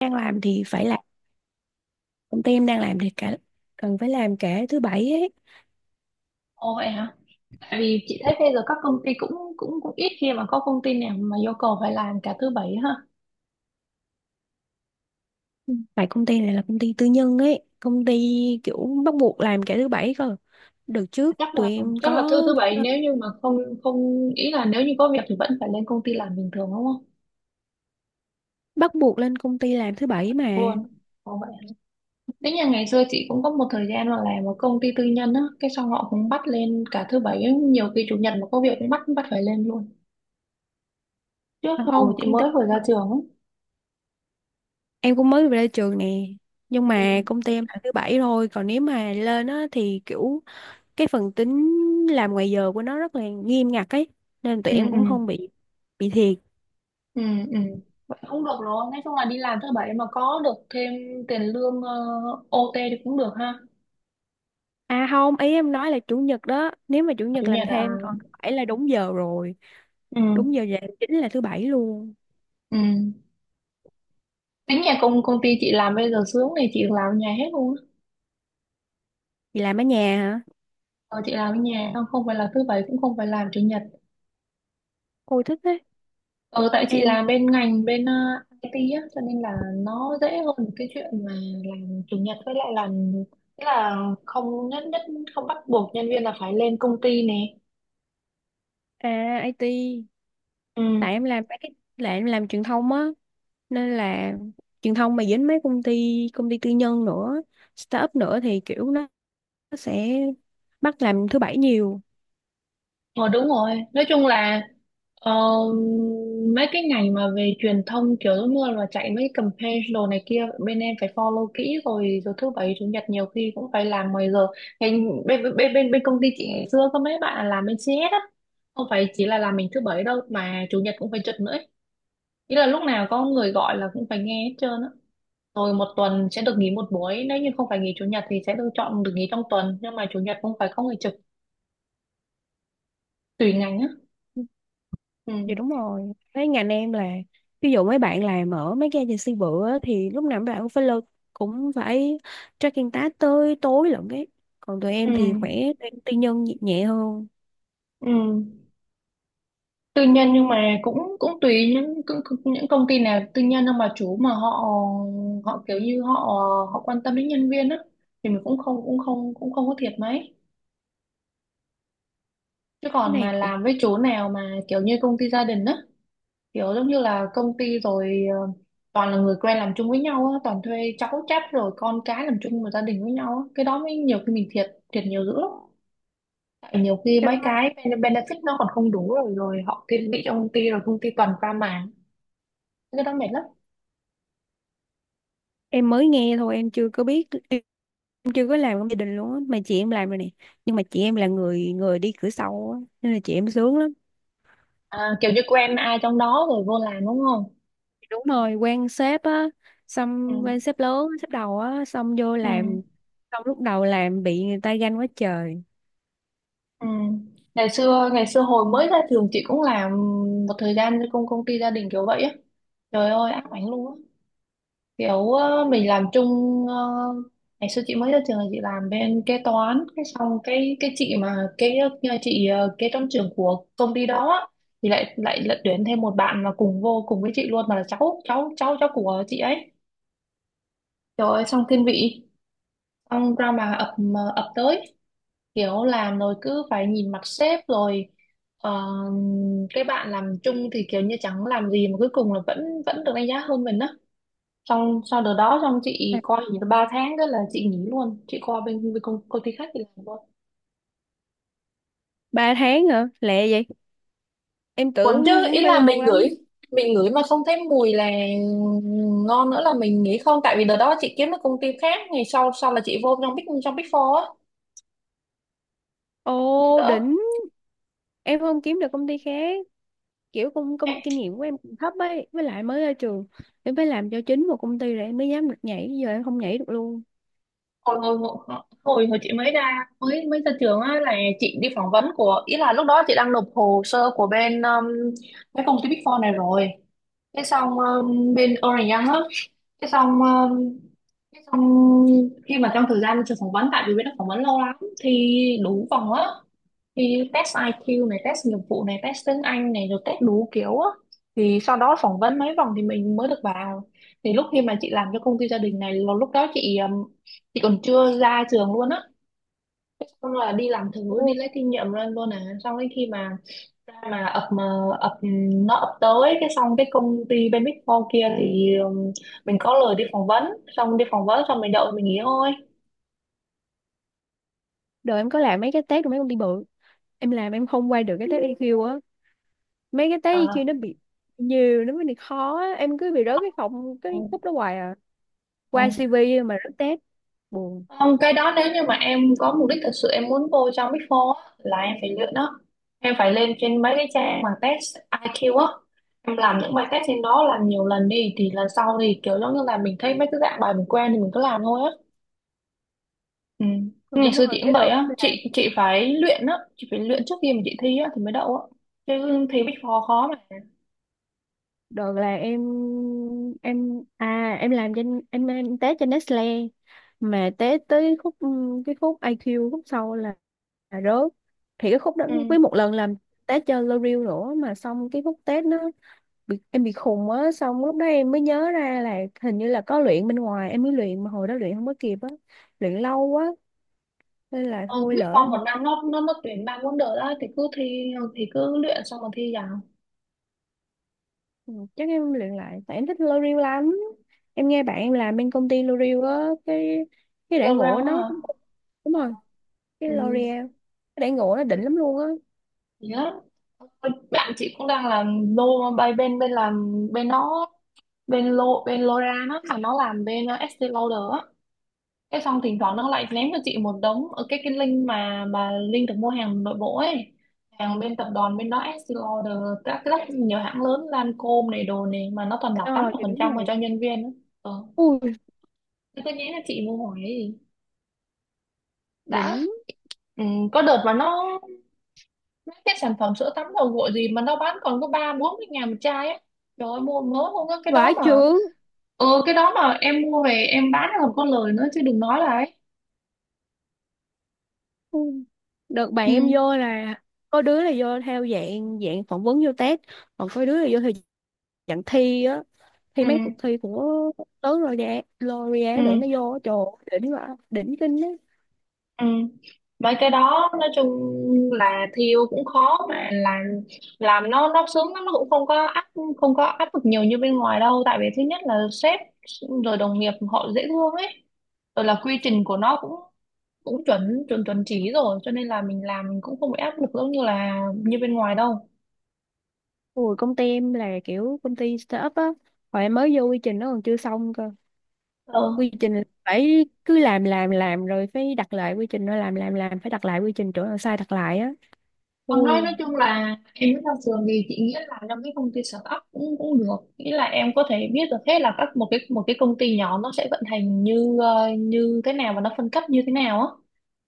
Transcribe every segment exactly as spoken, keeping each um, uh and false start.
Đang làm thì phải làm, công ty em đang làm thì cả cần phải làm cả thứ bảy ấy. Ồ vậy hả? Tại vì chị thấy bây giờ các công ty cũng cũng cũng ít khi mà có công ty nào mà yêu cầu phải làm cả thứ bảy ha. Ừ, tại công ty này là công ty tư nhân ấy, công ty kiểu bắt buộc làm cả thứ bảy cơ. Đợt trước Chắc tụi là em chắc là có thứ thứ bảy ờ, nếu như mà không không ý là nếu như có việc thì vẫn phải lên công ty làm bình thường đúng không? bắt buộc lên công ty làm thứ bảy mà. Luôn. Ồ vậy hả? Thế nhà ngày xưa chị cũng có một thời gian mà làm một công ty tư nhân á, cái xong họ cũng bắt lên cả thứ bảy, nhiều khi chủ nhật mà có việc cũng bắt bắt phải lên luôn. Trước À, hồi không, chị công ty mới vừa ra trường á. em cũng mới về đây trường nè, nhưng Ừ. mà công ty em làm thứ bảy thôi, còn nếu mà lên á thì kiểu cái phần tính làm ngoài giờ của nó rất là nghiêm ngặt ấy, nên tụi Ừ em ừ. cũng không bị bị thiệt. Ừ ừ. Vậy không được rồi, nói chung là đi làm thứ bảy mà có được thêm tiền lương uh, âu ti thì cũng được ha. À không, ý em nói là chủ nhật đó, nếu mà chủ Chủ nhật làm nhật à? thêm, còn thứ bảy là đúng giờ rồi, đúng Ừ. giờ về chính là thứ bảy luôn. Ừ. Tính nhà công công ty chị làm bây giờ sướng, thì chị làm ở nhà hết luôn á. Vì làm ở nhà hả? Ờ, chị làm ở nhà, không không phải là thứ bảy cũng không phải làm chủ nhật. Ôi thích đấy. Ờ tại chị Em làm bên ngành bên ờ, ai ti á, cho nên là nó dễ hơn cái chuyện mà làm chủ nhật với lại làm, tức là không nhất nhất không bắt buộc nhân viên là phải lên công ty nè. à ai ti, Ừ. tại em làm mấy cái, là em làm truyền thông á, nên là truyền thông mà dính mấy công ty công ty tư nhân nữa, startup nữa thì kiểu nó nó sẽ bắt làm thứ bảy nhiều. Ờ đúng rồi, nói chung là, ờ, mấy cái ngành mà về truyền thông kiểu giống như là chạy mấy campaign đồ này kia bên em phải follow kỹ, rồi rồi thứ bảy chủ nhật nhiều khi cũng phải làm mười giờ. Bên bên bên bên bên công ty chị ngày xưa có mấy bạn làm bên xê ét á, không phải chỉ là làm mình thứ bảy đâu mà chủ nhật cũng phải trực nữa ấy. Ý là lúc nào có người gọi là cũng phải nghe hết trơn á. Rồi một tuần sẽ được nghỉ một buổi, nếu như không phải nghỉ chủ nhật thì sẽ được chọn được nghỉ trong tuần, nhưng mà chủ nhật cũng phải có người trực, tùy ngành á. Ừ. Dạ đúng rồi. Mấy ngành em là ví dụ mấy bạn làm ở mấy cái agency bự á, thì lúc nào mấy bạn cũng phải lơ, cũng phải tracking task tới tối lận ấy. Còn tụi Ừ. em thì khỏe, tụi em tư nhân nhẹ nhẹ hơn. Ừ. Tư nhân nhưng mà cũng cũng tùy, những cũng, cũng- những công ty nào tư nhân đâu mà chủ mà họ họ kiểu như họ họ quan tâm đến nhân viên á thì mình cũng không cũng không cũng không có thiệt mấy, chứ Cái còn này mà cũng làm với chỗ nào mà kiểu như công ty gia đình á, kiểu giống như là công ty rồi ờ, toàn là người quen làm chung với nhau á, toàn thuê cháu chắt rồi con cái làm chung một gia đình với nhau á, cái đó mới nhiều khi mình thiệt, thiệt nhiều dữ lắm. Tại nhiều khi chắc mấy là cái ben- benefit nó còn không đủ, rồi rồi họ thiên vị trong công ty, rồi công ty toàn pha màng, cái đó mệt lắm. em mới nghe thôi, em chưa có biết, em chưa có làm trong gia đình luôn á, mà chị em làm rồi nè. Nhưng mà chị em là người người đi cửa sau á, nên là chị em sướng lắm. À, kiểu như quen ai trong đó rồi vô làm đúng không? Đúng rồi, quan sếp á, Ừ, xong quan sếp lớn, sếp đầu á, xong vô ừ, làm, xong lúc đầu làm bị người ta ganh quá trời. ừ. Ngày xưa ngày xưa hồi mới ra trường chị cũng làm một thời gian cho công công ty gia đình kiểu vậy á. Trời ơi ám ảnh luôn á. Kiểu ờ, mình làm chung, ờ, ngày xưa chị mới ra trường là chị làm bên kế toán, cái xong cái cái chị mà cái chị ờ, kế toán trưởng của công ty đó á, thì lại lại lật tuyển thêm một bạn là cùng vô cùng với chị luôn, mà là cháu cháu cháu cháu của chị ấy. Trời ơi xong thiên vị, xong ra mà ập, ờ, ập tới, kiểu làm rồi cứ phải nhìn mặt sếp rồi, ờ, cái bạn làm chung thì kiểu như chẳng làm gì mà cuối cùng là vẫn vẫn được đánh giá hơn mình á, xong sau đợt đó xong chị coi nghỉ được ba tháng, đó là chị nghỉ luôn, chị qua bên, bên công, công ty khác thì làm luôn. Ba tháng hả, lẹ vậy? Em tưởng Quẩn chứ, cũng ý phải là lâu mình ngửi, lắm. mình ngửi mà không thấy mùi là ngon nữa là mình nghĩ không, tại vì đợt đó chị kiếm được công ty khác ngày sau sau là chị vô trong big trong big four á. Nhưng Ồ đỡ. đỉnh. Em không kiếm được công ty khác, kiểu công, công kinh nghiệm của em cũng thấp ấy, với lại mới ra trường, em phải làm cho chính một công ty rồi em mới dám được nhảy, giờ em không nhảy được luôn. Hồi hồi hồi hồi hồi chị mới ra mới mới ra trường á là chị đi phỏng vấn của, ý là lúc đó chị đang nộp hồ sơ của bên um, cái công ty Big Four này rồi, thế xong um, bên Ernst Young á, thế xong um, thế xong khi mà trong thời gian trường phỏng vấn, tại vì bên đó phỏng vấn lâu lắm thì đủ vòng á, thì test ai kiu này, test nghiệp vụ này, test tiếng Anh này, rồi test đủ kiểu á, thì sau đó phỏng vấn mấy vòng thì mình mới được vào. Thì lúc khi mà chị làm cho công ty gia đình này là lúc đó chị um, chị còn chưa ra trường luôn á. Thế xong là đi làm thử đi Ồ, lấy kinh nghiệm lên luôn à, xong đến khi mà ra mà ập mà ập, nó ập tới, cái xong cái công ty bên Big Four kia thì um, mình có lời đi phỏng vấn, xong đi phỏng vấn xong mình đợi mình nghỉ thôi. đời em có làm mấy cái test của mấy công ty bự, em làm em không qua được cái test i kiu á, mấy cái test À, i kiu nó bị nhiều nó mới bị khó á. Em cứ bị rớt cái phòng ừ, cái khúc đó hoài à, ừ. qua si vi mà rớt test, buồn. Không, cái đó nếu như mà em có mục đích thật sự em muốn vô trong Big Four á, là em phải luyện đó, em phải lên trên mấy cái trang mà test ai kiu á, em làm những bài test trên đó làm nhiều lần đi thì lần sau thì kiểu giống như là mình thấy mấy cái dạng bài mình quen thì mình cứ làm thôi á. Ừ. Ờ, Ngày đúng xưa rồi, chị cũng cái vậy đợt em á, làm. chị chị phải luyện á, chị phải luyện trước khi mà chị thi á thì mới đậu á, chứ thi Big Four khó mà. Đợt là em, em à em làm trên, em em té trên Nestle mà té tới khúc cái khúc ai kiu khúc sau là, là rớt. Thì cái khúc đó Ừ. với một lần làm té cho L'Oreal nữa, mà xong cái khúc test nó bị, em bị khùng á, xong lúc đó em mới nhớ ra là hình như là có luyện bên ngoài, em mới luyện mà hồi đó luyện không có kịp á, luyện lâu quá nên là Ờ, thôi Big lỡ. Four một năm nó nó nó tuyển ba môn đợt á, thì cứ thi thì cứ luyện xong rồi thi vào. Ừ, chắc em luyện lại tại em thích L'Oreal lắm. Em nghe bạn em làm bên công ty L'Oreal á, cái cái Lô đãi ngộ rao á nó hả? cũng, đúng rồi, cái Ừ. L'Oreal cái đãi ngộ nó đỉnh lắm luôn á. Thì đó. Ôi, bạn chị cũng đang làm lô bay bên bên làm bên nó, bên lô bên Lora nó mà nó làm bên uh, ét xê Lauder á. Cái xong thỉnh thoảng nó lại ném cho chị một đống ở cái cái link mà mà link được mua hàng nội bộ ấy, hàng bên tập đoàn bên đó Estée Lauder, các các nhiều hãng lớn Lancôme này đồ này mà nó toàn lọc tám Ờ mươi thì phần đúng trăm mà rồi. cho nhân viên ấy. Ừ. Ui, Thế tôi nghĩ là chị mua hỏi ấy gì đã. đỉnh, Ừ. Có đợt mà nó, mấy cái sản phẩm sữa tắm dầu gội gì mà nó bán còn có ba bốn mươi ngàn một chai ấy, trời ơi mua mới mua cái cái đó vãi mà. chưởng. Ừ, cái đó mà em mua về em bán còn có lời nữa chứ đừng nói là ấy. Ui, đợt bạn em Ừ vô là có đứa là vô theo dạng dạng phỏng vấn vô test, còn có đứa là vô theo dạng thi á, thi ừ mấy cuộc thi của tớ rồi ừ. L'Oreal để nó vô. Trời ơi, đỉnh quá, đỉnh kinh á. Ừ. Mấy cái đó nói chung là thiêu cũng khó mà làm làm nó nó sướng lắm, nó cũng không có áp, không có áp lực nhiều như bên ngoài đâu, tại vì thứ nhất là sếp rồi đồng nghiệp họ dễ thương ấy, rồi là quy trình của nó cũng cũng chuẩn chuẩn chuẩn chỉ rồi, cho nên là mình làm mình cũng không bị áp lực giống như là như bên ngoài đâu. Ủa, công ty em là kiểu công ty startup á, hồi em mới vô quy trình nó còn chưa xong cơ. Ừ. Quy trình là phải cứ làm làm làm rồi phải đặt lại quy trình, rồi làm làm làm phải đặt lại quy trình, chỗ nào sai đặt lại á. Còn nói Ui, nói chung là em mới ra trường thì chị nghĩ là trong cái công ty startup cũng cũng được, nghĩa là em có thể biết được hết là các một cái một cái công ty nhỏ nó sẽ vận hành như ờ, như thế nào và nó phân cấp như thế nào á,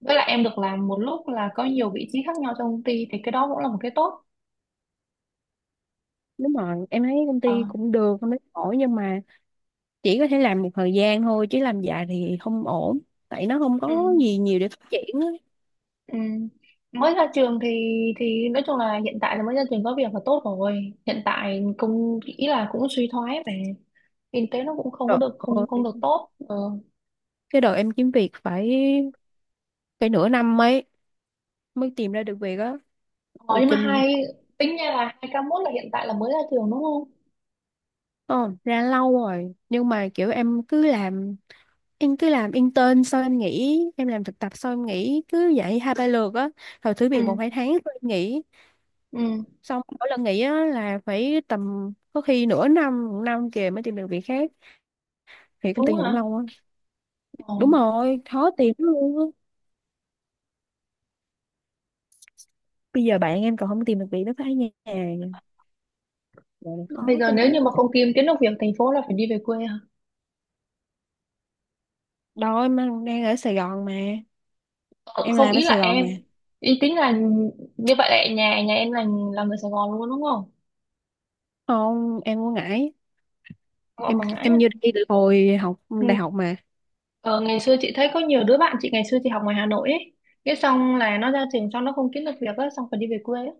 với lại em được làm một lúc là có nhiều vị trí khác nhau trong công ty thì cái đó cũng là một cái tốt. đúng rồi, em thấy công ty Ờ, cũng được, không thấy ổn, nhưng mà chỉ có thể làm một thời gian thôi chứ làm dài thì không ổn, tại nó không ừ, có gì nhiều để phát triển á. ừ. Mới ra trường thì thì nói chung là hiện tại là mới ra trường có việc là tốt rồi, hiện tại công nghĩ là cũng suy thoái về kinh tế, nó cũng không có Trời được không ơi, không được tốt. Ờ. cái đợt em kiếm việc phải phải nửa năm mấy mới tìm ra được việc á. Ờ, Ồ nhưng mà kinh này. hai, tính ra là hai k một là hiện tại là mới ra trường đúng không? Ờ, ra lâu rồi nhưng mà kiểu em cứ làm, em cứ làm intern sau em nghỉ, em làm thực tập sau em nghỉ, cứ vậy hai ba lượt á, rồi thử việc một Ừ, hai tháng rồi em nghỉ. ừ. Xong mỗi lần nghỉ á là phải tầm có khi nửa năm một năm kìa mới tìm được việc khác, thì công Đúng ty này cũng hả? lâu quá. Ờ. Đúng rồi, khó tìm lắm luôn á, bây giờ bạn em còn không tìm được việc nó phải nhà, rồi khó Bây giờ tin nếu như lắm. mà không kiếm kiếm được việc thành phố là phải đi về quê hả? Đâu, em đang đang ở Sài Gòn mà, Ờ, em không làm ở ý là Sài Gòn em, mà. ý tính là như vậy là nhà nhà em là là người Sài Gòn luôn đúng không? Không em ở Ngãi, Không ở em Quảng Ngãi em à? như đi từ hồi học Ừ. đại học mà. Ờ, ngày xưa chị thấy có nhiều đứa bạn chị ngày xưa chị học ngoài Hà Nội ấy. Cái xong là nó ra trường xong nó không kiếm được việc á, xong phải đi về quê á.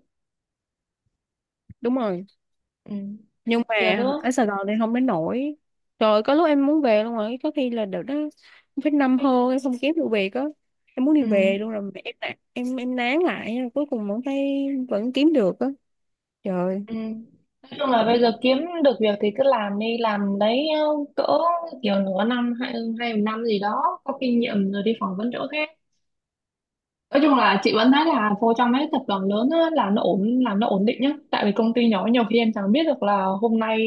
Đúng rồi, Ừ. nhưng mà Nhiều đứa. ở Sài Gòn thì không đến nổi. Trời ơi, có lúc em muốn về luôn rồi, có khi là đợt đó em phải năm hơn em không kiếm được việc á, em muốn đi Ừ. về luôn rồi mà em nản- em em nán lại, cuối cùng vẫn thấy vẫn kiếm được á. Trời ơi, Ừ. Nói chung là bây giờ cũng kiếm được việc thì cứ làm đi làm đấy, ờ, cỡ kiểu nửa năm, hai hai một năm gì đó có kinh nghiệm rồi đi phỏng vấn chỗ khác. Nói chung là chị vẫn thấy là vô trong mấy tập đoàn lớn á, là nó ổn, làm nó ổn định nhá, tại vì công ty nhỏ nhiều khi em chẳng biết được là hôm nay,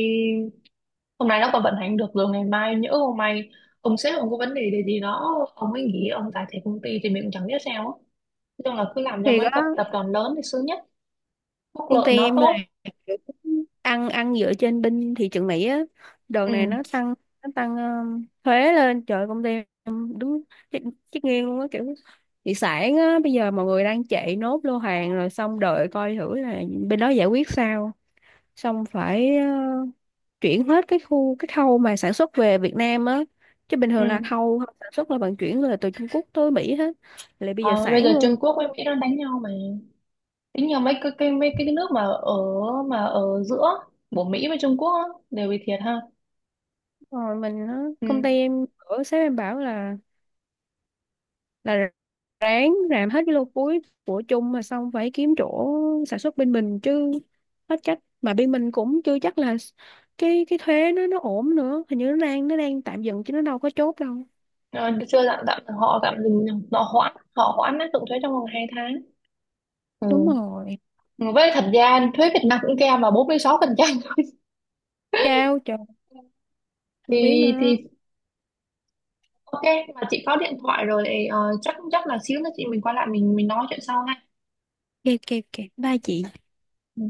hôm nay nó còn vận hành được, rồi ngày mai nhỡ hôm nay ông sếp ông có vấn đề gì gì đó ông ấy nghỉ ông giải thể công ty thì mình cũng chẳng biết sao á. Nói chung là cứ làm cho thiệt mấy á. tập tập đoàn lớn thì sướng nhất, phúc Công ty lợi nó em là tốt. kiểu ăn ăn dựa trên binh thị trường Mỹ á. Đợt này nó Ừ tăng, nó tăng um, thuế lên. Trời ơi, công ty em đúng chết, chết nghiêng luôn á, kiểu thị sản á, bây giờ mọi người đang chạy nốt lô hàng rồi xong đợi coi thử là bên đó giải quyết sao. Xong phải uh, chuyển hết cái khu cái khâu mà sản xuất về Việt Nam á. Chứ bình thường là ừ. khâu sản xuất là vận chuyển là từ Trung Quốc tới Mỹ hết. Lại bây giờ Ờ, bây sản giờ Trung luôn. Quốc với Mỹ đang đánh nhau mà, tính nhiều mấy cái cái mấy cái nước mà ở mà ở giữa của Mỹ với Trung Quốc á, đều bị thiệt ha. Rồi mình á, công ty Ừ. em ở sếp em bảo là là ráng làm hết cái lô cuối của chung mà, xong phải kiếm chỗ sản xuất bên mình chứ hết cách, mà bên mình cũng chưa chắc là cái cái thuế nó nó ổn nữa, hình như nó đang, nó đang tạm dừng chứ nó đâu có chốt đâu. Ờ, chưa tạm tạm họ tạm dừng, họ hoãn họ hoãn áp dụng thuế trong vòng hai tháng. Ừ. Đúng rồi, Với thật ra thuế Việt Nam cũng kèm vào bốn mươi sáu phần trăm, cao trời, không biết thì nữa. thì ok. Mà chị có điện thoại rồi, ờ, chắc chắc là xíu nữa chị mình qua lại mình mình nói chuyện sau ha. Kẹp kẹp kẹp ba chị. Ừ.